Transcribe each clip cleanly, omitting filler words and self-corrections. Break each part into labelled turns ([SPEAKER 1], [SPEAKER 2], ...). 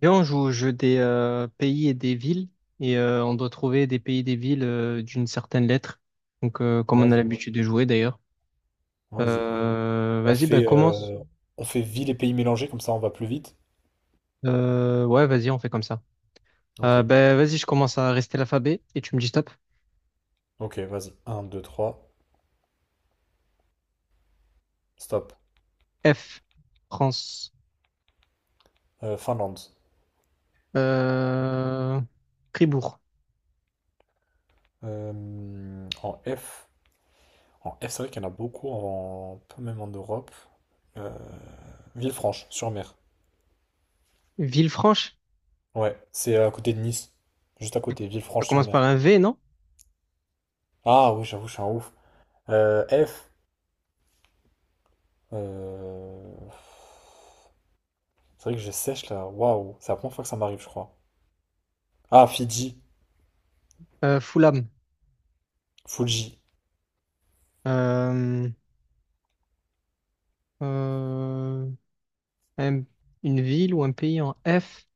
[SPEAKER 1] Viens, on joue au jeu des pays et des villes et on doit trouver des pays et des villes d'une certaine lettre. Donc, comme on a
[SPEAKER 2] Vas-y,
[SPEAKER 1] l'habitude de jouer d'ailleurs.
[SPEAKER 2] vas-y. On
[SPEAKER 1] Vas-y, bah,
[SPEAKER 2] fait,
[SPEAKER 1] commence.
[SPEAKER 2] euh, on fait ville et pays mélangés, comme ça on va plus vite.
[SPEAKER 1] Ouais, vas-y, on fait comme ça.
[SPEAKER 2] Ok,
[SPEAKER 1] Bah, vas-y, je commence à rester l'alphabet et tu me dis stop.
[SPEAKER 2] ok, vas-y. Un, 2, 3, stop.
[SPEAKER 1] F, France,
[SPEAKER 2] Finlande.
[SPEAKER 1] euh, Fribourg,
[SPEAKER 2] En F. En F, c'est vrai qu'il y en a beaucoup, pas même en Europe. Euh, Villefranche-sur-Mer.
[SPEAKER 1] Villefranche.
[SPEAKER 2] Ouais, c'est à côté de Nice. Juste à côté,
[SPEAKER 1] Ça commence par
[SPEAKER 2] Villefranche-sur-Mer.
[SPEAKER 1] un V, non?
[SPEAKER 2] Ah oui, j'avoue, je suis un ouf. F. euh, C'est vrai que je sèche là. Waouh, c'est la première fois que ça m'arrive, je crois. Ah, Fidji.
[SPEAKER 1] Fulham.
[SPEAKER 2] Fuji.
[SPEAKER 1] Euh, euh, un- une ville ou un pays en F,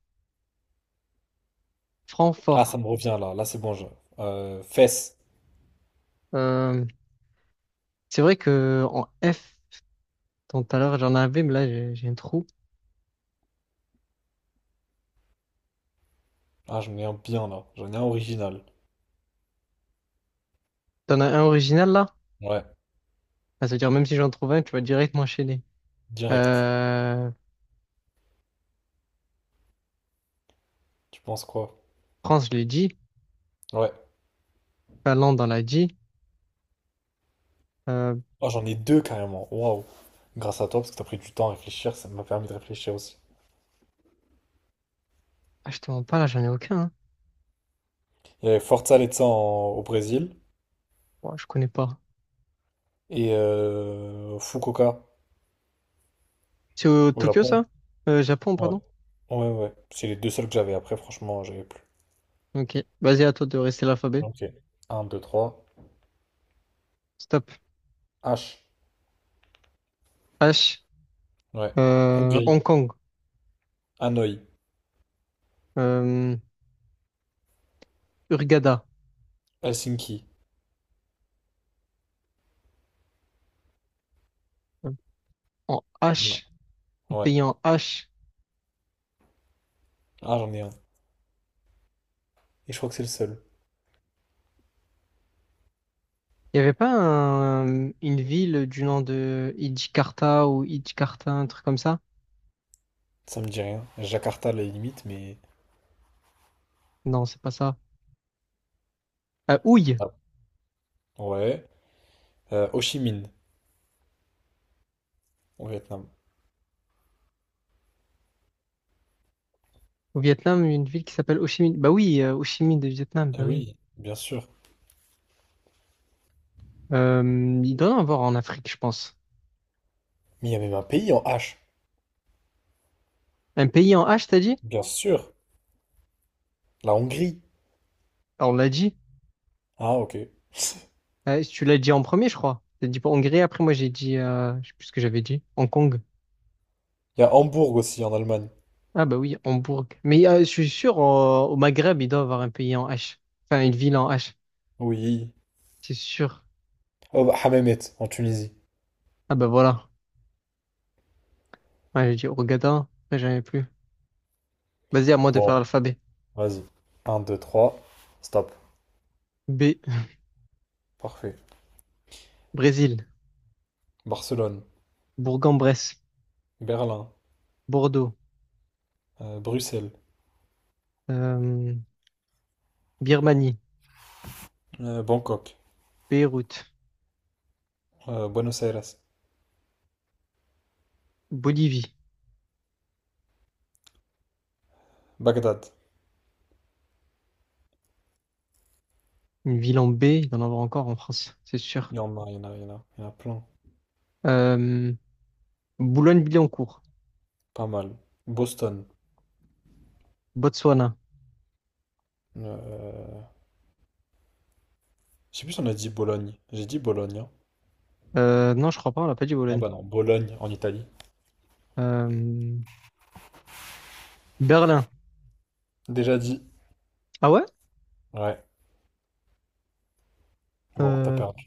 [SPEAKER 2] Ah,
[SPEAKER 1] Francfort.
[SPEAKER 2] ça me revient là. Là, c'est bon. Fesses.
[SPEAKER 1] Euh, c'est vrai que en F, tant tout à l'heure, j'en avais, mais là, j'ai un trou.
[SPEAKER 2] Ah, j'en ai un bien là. J'en ai un original.
[SPEAKER 1] T'en as un original, là?
[SPEAKER 2] Ouais,
[SPEAKER 1] Ah, c'est-à-dire, même si j'en trouve un, tu vas direct m'enchaîner.
[SPEAKER 2] direct.
[SPEAKER 1] Euh,
[SPEAKER 2] Tu penses quoi?
[SPEAKER 1] France, je l'ai dit.
[SPEAKER 2] Ouais.
[SPEAKER 1] Finlande, on l'a dit. Euh,
[SPEAKER 2] Oh, j'en ai deux carrément. Waouh. Grâce à toi, parce que t'as pris du temps à réfléchir. Ça m'a permis de réfléchir aussi.
[SPEAKER 1] je te mens pas, là, j'en ai aucun, hein.
[SPEAKER 2] Il y avait Forza Let's au Brésil
[SPEAKER 1] Ouais, je connais pas.
[SPEAKER 2] et Fukuoka
[SPEAKER 1] C'est au
[SPEAKER 2] au
[SPEAKER 1] Tokyo,
[SPEAKER 2] Japon.
[SPEAKER 1] ça? Japon,
[SPEAKER 2] Ouais.
[SPEAKER 1] pardon?
[SPEAKER 2] Ouais, ouais. C'est les deux seuls que j'avais. Après, franchement, j'avais plus.
[SPEAKER 1] Ok. Vas-y, à toi de rester l'alphabet.
[SPEAKER 2] Ok. Un, 2, 3.
[SPEAKER 1] Stop.
[SPEAKER 2] H.
[SPEAKER 1] H.
[SPEAKER 2] Ouais. Hongrie.
[SPEAKER 1] Hong Kong.
[SPEAKER 2] Hanoï.
[SPEAKER 1] Euh, Hurghada.
[SPEAKER 2] Helsinki.
[SPEAKER 1] En
[SPEAKER 2] Il y en
[SPEAKER 1] H.
[SPEAKER 2] a. Ouais.
[SPEAKER 1] Pays en H.
[SPEAKER 2] Ah, j'en ai un. Et je crois que c'est le seul.
[SPEAKER 1] Il n'y avait pas un- Une ville du nom de Idjikarta ou Idjikarta, un truc comme ça?
[SPEAKER 2] Ça me dit rien. Jakarta, à la limite, mais.
[SPEAKER 1] Non, c'est pas ça. Houille,
[SPEAKER 2] Ah, ouais. Ho Chi Minh, au Vietnam.
[SPEAKER 1] au Vietnam, une ville qui s'appelle Ho Chi Minh. Bah oui, Ho Chi Minh de Vietnam,
[SPEAKER 2] Ah
[SPEAKER 1] bah oui.
[SPEAKER 2] oui, bien sûr.
[SPEAKER 1] Euh, il doit y en avoir en Afrique, je pense.
[SPEAKER 2] Mais il y a même un pays en H.
[SPEAKER 1] Un pays en H, t'as dit?
[SPEAKER 2] Bien sûr. La Hongrie.
[SPEAKER 1] Ah, on l'a dit.
[SPEAKER 2] Ah, ok.
[SPEAKER 1] Tu l'as dit en premier, je crois. T'as dit pour Hongrie, après moi j'ai dit, je sais plus ce que j'avais dit, Hong Kong.
[SPEAKER 2] Il y a Hambourg aussi, en Allemagne.
[SPEAKER 1] Ah bah oui, Hambourg. Mais je suis sûr, au Maghreb, il doit y avoir un pays en H. Enfin, une ville en H,
[SPEAKER 2] Oui.
[SPEAKER 1] c'est sûr.
[SPEAKER 2] Oh, bah, Hammamet, en Tunisie.
[SPEAKER 1] Ah bah voilà. Ouais, j'ai dit Hurghada, après j'avais plus. Vas-y, à moi de faire
[SPEAKER 2] Bon,
[SPEAKER 1] l'alphabet.
[SPEAKER 2] vas-y. Un, 2, 3. Stop.
[SPEAKER 1] B,
[SPEAKER 2] Parfait.
[SPEAKER 1] Brésil,
[SPEAKER 2] Barcelone.
[SPEAKER 1] Bourg-en-Bresse,
[SPEAKER 2] Berlin.
[SPEAKER 1] Bordeaux,
[SPEAKER 2] Bruxelles.
[SPEAKER 1] euh, Birmanie,
[SPEAKER 2] Bangkok.
[SPEAKER 1] Beyrouth,
[SPEAKER 2] Buenos Aires.
[SPEAKER 1] Bolivie,
[SPEAKER 2] Bagdad.
[SPEAKER 1] une ville en B, il y en avoir encore en France, c'est sûr.
[SPEAKER 2] Il y en a, il y en a, il y en a, il y en a plein.
[SPEAKER 1] Euh, Boulogne-Billancourt,
[SPEAKER 2] Pas mal. Boston.
[SPEAKER 1] Botswana.
[SPEAKER 2] euh, Je sais plus si on a dit Bologne. J'ai dit Bologne, hein.
[SPEAKER 1] Non, je crois pas, on l'a pas dit
[SPEAKER 2] Ah
[SPEAKER 1] Bologne.
[SPEAKER 2] bah non, Bologne en Italie.
[SPEAKER 1] Euh, Berlin.
[SPEAKER 2] Déjà dit.
[SPEAKER 1] Ah ouais?
[SPEAKER 2] Ouais, bon, t'as
[SPEAKER 1] Euh,
[SPEAKER 2] perdu.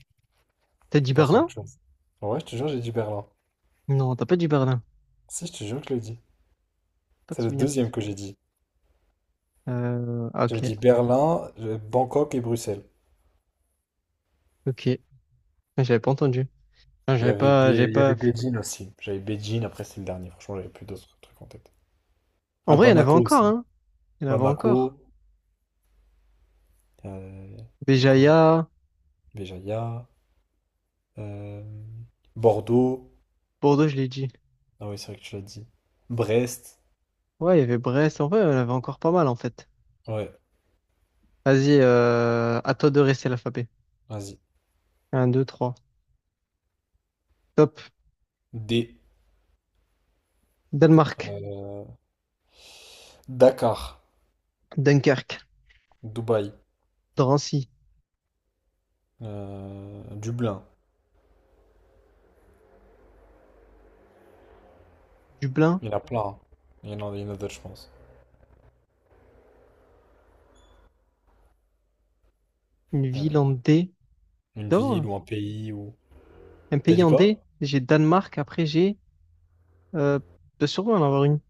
[SPEAKER 1] t'as dit
[SPEAKER 2] Passe à autre
[SPEAKER 1] Berlin?
[SPEAKER 2] chose. Ouais, je te jure, j'ai dit Berlin.
[SPEAKER 1] Non, t'as pas dit Berlin.
[SPEAKER 2] Si, je te jure que je l'ai dit.
[SPEAKER 1] Pas de
[SPEAKER 2] C'est le
[SPEAKER 1] souvenir.
[SPEAKER 2] deuxième que j'ai dit. J'avais
[SPEAKER 1] Ok,
[SPEAKER 2] dit Berlin, Bangkok et Bruxelles.
[SPEAKER 1] ok. J'avais pas entendu. Ah,
[SPEAKER 2] Il y
[SPEAKER 1] j'avais
[SPEAKER 2] avait,
[SPEAKER 1] pas,
[SPEAKER 2] Bé-
[SPEAKER 1] j'avais
[SPEAKER 2] il y avait
[SPEAKER 1] pas.
[SPEAKER 2] Beijing aussi. J'avais Beijing, après c'est le dernier. Franchement, j'avais plus d'autres trucs en tête.
[SPEAKER 1] En
[SPEAKER 2] Ah,
[SPEAKER 1] vrai, il y en avait
[SPEAKER 2] Bamako
[SPEAKER 1] encore,
[SPEAKER 2] aussi.
[SPEAKER 1] hein. Il y en avait encore.
[SPEAKER 2] Bamako, euh, et quoi?
[SPEAKER 1] Béjaïa,
[SPEAKER 2] Béjaïa, euh, Bordeaux.
[SPEAKER 1] Bordeaux, je l'ai dit.
[SPEAKER 2] Ah oui, c'est vrai que tu l'as dit. Brest.
[SPEAKER 1] Ouais, il y avait Brest. En vrai, il y en avait encore pas mal, en fait.
[SPEAKER 2] Ouais,
[SPEAKER 1] Vas-y, à toi de rester l'alphabet.
[SPEAKER 2] vas-y.
[SPEAKER 1] Un, deux, trois. Top.
[SPEAKER 2] D.
[SPEAKER 1] Danemark,
[SPEAKER 2] euh, Dakar,
[SPEAKER 1] Dunkerque,
[SPEAKER 2] Dubaï,
[SPEAKER 1] Drancy,
[SPEAKER 2] Dublin,
[SPEAKER 1] Dublin,
[SPEAKER 2] il y en a plein, hein. Il y en a, il y en a d'autres, je pense.
[SPEAKER 1] une
[SPEAKER 2] Euh,
[SPEAKER 1] ville en D.
[SPEAKER 2] une ville
[SPEAKER 1] D'abord,
[SPEAKER 2] ou un pays.
[SPEAKER 1] un
[SPEAKER 2] T'as
[SPEAKER 1] pays
[SPEAKER 2] dit
[SPEAKER 1] en
[SPEAKER 2] quoi?
[SPEAKER 1] D. J'ai Danemark, après j'ai... Euh, de sûrement en avoir une.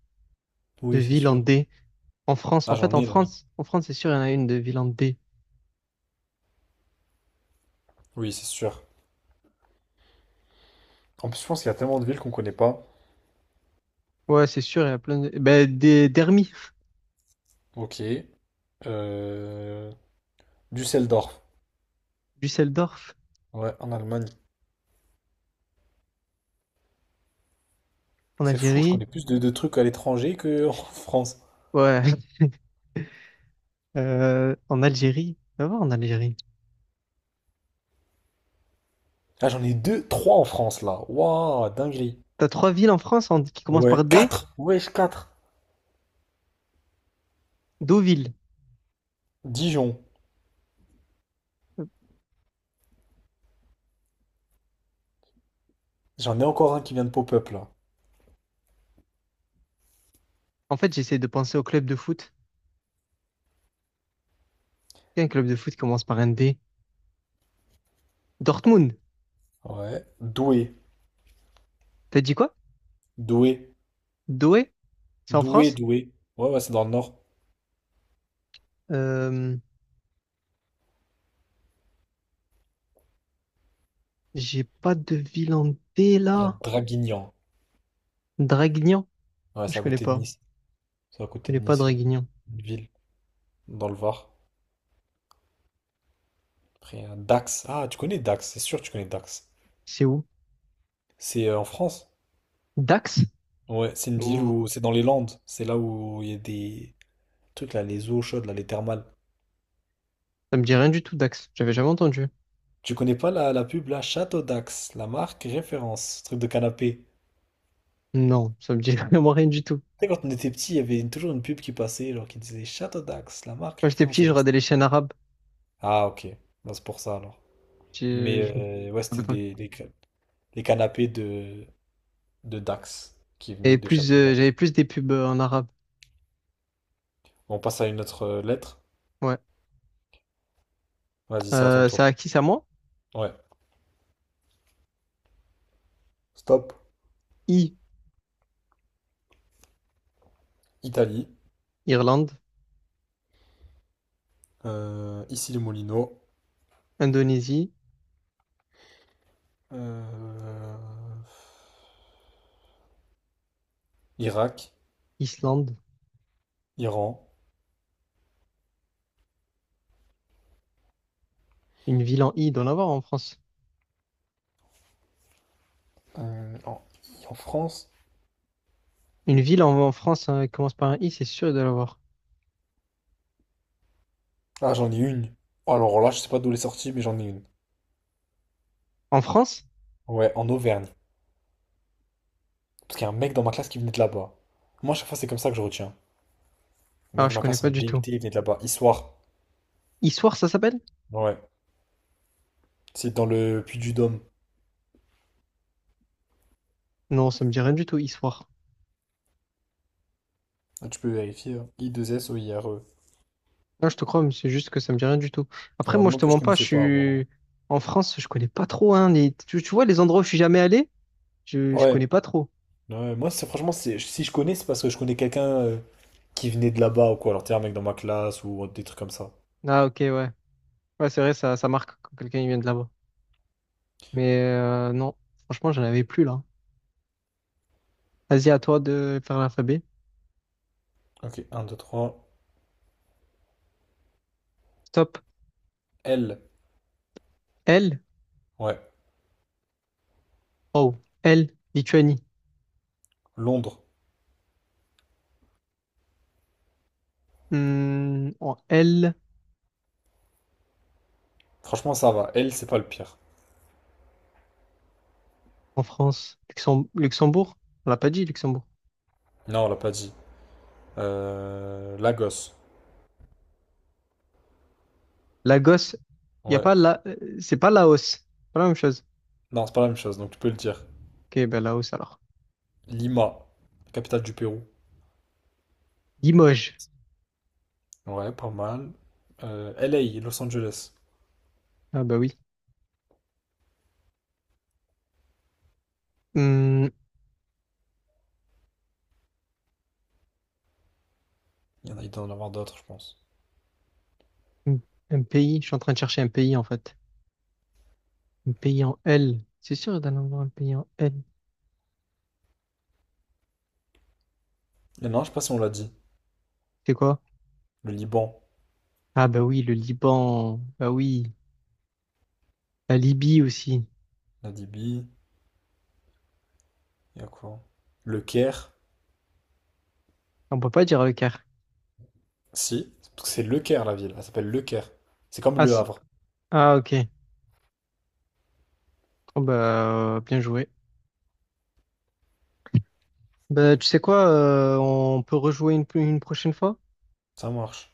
[SPEAKER 1] De
[SPEAKER 2] Oui, c'est
[SPEAKER 1] ville en
[SPEAKER 2] sûr.
[SPEAKER 1] D. En France,
[SPEAKER 2] Ah,
[SPEAKER 1] en
[SPEAKER 2] j'en
[SPEAKER 1] fait, en
[SPEAKER 2] ai là.
[SPEAKER 1] France, en France, c'est sûr, il y en a une de ville en D.
[SPEAKER 2] Oui, c'est sûr. En plus, je pense qu'il y a tellement de villes qu'on connaît pas.
[SPEAKER 1] Ouais, c'est sûr, il y a plein de... Ben, des... Dermi,
[SPEAKER 2] Ok. Euh... Düsseldorf.
[SPEAKER 1] Düsseldorf,
[SPEAKER 2] Ouais, en Allemagne.
[SPEAKER 1] en
[SPEAKER 2] C'est fou, je
[SPEAKER 1] Algérie.
[SPEAKER 2] connais plus de trucs à l'étranger que en France.
[SPEAKER 1] Ouais. En Algérie, va voir en Algérie.
[SPEAKER 2] Ah, j'en ai deux, trois en France là. Waouh, dinguerie.
[SPEAKER 1] T'as trois villes en France en- qui commencent
[SPEAKER 2] Ouais,
[SPEAKER 1] par D,
[SPEAKER 2] quatre. Wesh, quatre.
[SPEAKER 1] Deauville.
[SPEAKER 2] Dijon. J'en ai encore un qui vient de pop-up là.
[SPEAKER 1] En fait, j'essaie de penser au club de foot. Il y a un club de foot qui commence par un D. Dortmund.
[SPEAKER 2] Ouais. Douai.
[SPEAKER 1] T'as dit quoi?
[SPEAKER 2] Douai.
[SPEAKER 1] Douai? C'est en
[SPEAKER 2] Doué,
[SPEAKER 1] France?
[SPEAKER 2] Doué. Ouais, ouais, c'est dans le nord.
[SPEAKER 1] Euh, j'ai pas de ville en D
[SPEAKER 2] Il y a
[SPEAKER 1] là.
[SPEAKER 2] Draguignan.
[SPEAKER 1] Draguignan?
[SPEAKER 2] Ouais,
[SPEAKER 1] Je
[SPEAKER 2] c'est à
[SPEAKER 1] connais
[SPEAKER 2] côté de
[SPEAKER 1] pas.
[SPEAKER 2] Nice. C'est à
[SPEAKER 1] Je
[SPEAKER 2] côté de
[SPEAKER 1] connais pas
[SPEAKER 2] Nice, c'est
[SPEAKER 1] Draguignan.
[SPEAKER 2] une ville dans le Var. Après, il y a Dax. Ah, tu connais Dax, c'est sûr que tu connais Dax.
[SPEAKER 1] C'est où?
[SPEAKER 2] C'est en France.
[SPEAKER 1] Dax?
[SPEAKER 2] Ouais, c'est une ville
[SPEAKER 1] Non,
[SPEAKER 2] où c'est dans les Landes. C'est là où il y a des trucs là, les eaux chaudes, là, les thermales.
[SPEAKER 1] ça me dit rien du tout, Dax. J'avais jamais entendu.
[SPEAKER 2] Tu connais pas la pub là, Château Dax, la marque référence, truc de canapé.
[SPEAKER 1] Non, ça me dit vraiment rien du tout.
[SPEAKER 2] Tu sais, quand on était petit, il y avait toujours une pub qui passait, genre qui disait Château Dax, la marque
[SPEAKER 1] Quand j'étais
[SPEAKER 2] référence.
[SPEAKER 1] petit, je regardais les chaînes arabes.
[SPEAKER 2] Ah, ok. Bah, c'est pour ça alors. Mais
[SPEAKER 1] J'ai- Je
[SPEAKER 2] ouais, c'était des canapés de Dax qui venaient
[SPEAKER 1] et
[SPEAKER 2] de
[SPEAKER 1] plus,
[SPEAKER 2] Château d'If.
[SPEAKER 1] j'avais plus des pubs en arabe.
[SPEAKER 2] On passe à une autre lettre.
[SPEAKER 1] Ouais.
[SPEAKER 2] Vas-y, c'est à ton tour.
[SPEAKER 1] C'est à qui, c'est à moi?
[SPEAKER 2] Ouais. Stop.
[SPEAKER 1] I.
[SPEAKER 2] Italie.
[SPEAKER 1] Irlande,
[SPEAKER 2] Ici les Moulineaux.
[SPEAKER 1] Indonésie,
[SPEAKER 2] Euh, Irak.
[SPEAKER 1] Islande.
[SPEAKER 2] Iran.
[SPEAKER 1] Une ville en I, il doit en avoir en France.
[SPEAKER 2] Euh, en, en France.
[SPEAKER 1] Une ville en, en France hein, qui commence par un I, c'est sûr, il doit avoir.
[SPEAKER 2] Ah, j'en ai une. Alors là, je sais pas d'où elle est sortie, mais j'en ai une.
[SPEAKER 1] En France?
[SPEAKER 2] Ouais, en Auvergne. Parce qu'il y a un mec dans ma classe qui venait de là-bas. Moi, à chaque fois, c'est comme ça que je retiens. Le
[SPEAKER 1] Ah,
[SPEAKER 2] mec de
[SPEAKER 1] je
[SPEAKER 2] ma
[SPEAKER 1] connais
[SPEAKER 2] classe
[SPEAKER 1] pas
[SPEAKER 2] en
[SPEAKER 1] du tout.
[SPEAKER 2] DUT, il venait de là-bas. Histoire.
[SPEAKER 1] Issoire, ça s'appelle?
[SPEAKER 2] Ouais. C'est dans le Puy-du-Dôme.
[SPEAKER 1] Non, ça me dit rien du tout, Issoire.
[SPEAKER 2] Ah, tu peux vérifier, hein. Issoire.
[SPEAKER 1] Non, je te crois, mais c'est juste que ça me dit rien du tout.
[SPEAKER 2] Ouais,
[SPEAKER 1] Après,
[SPEAKER 2] moi
[SPEAKER 1] moi, je
[SPEAKER 2] non
[SPEAKER 1] te
[SPEAKER 2] plus, je
[SPEAKER 1] mens pas, je
[SPEAKER 2] connaissais pas avant.
[SPEAKER 1] suis... En France, je connais pas trop, hein, les- Tu vois, les endroits où je suis jamais allé, je
[SPEAKER 2] Ouais.
[SPEAKER 1] connais pas trop.
[SPEAKER 2] Ouais, moi, franchement, si je connais, c'est parce que je connais quelqu'un qui venait de là-bas ou quoi. Alors, t'es un mec dans ma classe ou des trucs comme ça.
[SPEAKER 1] Ah, ok, ouais. Ouais, c'est vrai, ça marque quand quelqu'un il vient de là-bas. Mais non, franchement, j'en avais plus là. Vas-y, à toi de faire l'alphabet.
[SPEAKER 2] Ok, un deux trois.
[SPEAKER 1] Stop.
[SPEAKER 2] L.
[SPEAKER 1] L.
[SPEAKER 2] Ouais.
[SPEAKER 1] Oh. L. Lituanie.
[SPEAKER 2] Londres.
[SPEAKER 1] Hmm, en L.
[SPEAKER 2] Franchement, ça va. L, c'est pas le pire.
[SPEAKER 1] En France. Luxem- Luxembourg. On l'a pas dit, Luxembourg.
[SPEAKER 2] Non, on l'a pas dit. Lagos.
[SPEAKER 1] Lagos. Il y a
[SPEAKER 2] Ouais.
[SPEAKER 1] pas la... C'est pas Laos. Pas la même chose.
[SPEAKER 2] Non, c'est pas la même chose, donc tu peux le dire.
[SPEAKER 1] Ok, ben Laos alors.
[SPEAKER 2] Lima, capitale du Pérou.
[SPEAKER 1] Limoges.
[SPEAKER 2] Ouais, pas mal. LA Los Angeles.
[SPEAKER 1] Ah bah oui. Hmm,
[SPEAKER 2] Il y en a, il doit en avoir d'autres, je pense.
[SPEAKER 1] un un pays. Je suis en train de chercher un pays en fait. Un pays en L. C'est sûr d'en avoir un pays en L.
[SPEAKER 2] Et non, je sais pas si on l'a dit.
[SPEAKER 1] C'est quoi?
[SPEAKER 2] Le Liban,
[SPEAKER 1] Ah bah oui, le Liban. Bah oui. La Libye aussi.
[SPEAKER 2] la Libye, il y a quoi? Le Caire,
[SPEAKER 1] On peut pas dire Leclerc.
[SPEAKER 2] si, parce que c'est Le Caire la ville, elle s'appelle Le Caire. C'est comme
[SPEAKER 1] Ah,
[SPEAKER 2] Le
[SPEAKER 1] c'est-
[SPEAKER 2] Havre,
[SPEAKER 1] ah ok. Oh, bah, bien joué. Bah, tu sais quoi, on peut rejouer une prochaine fois?
[SPEAKER 2] ça marche.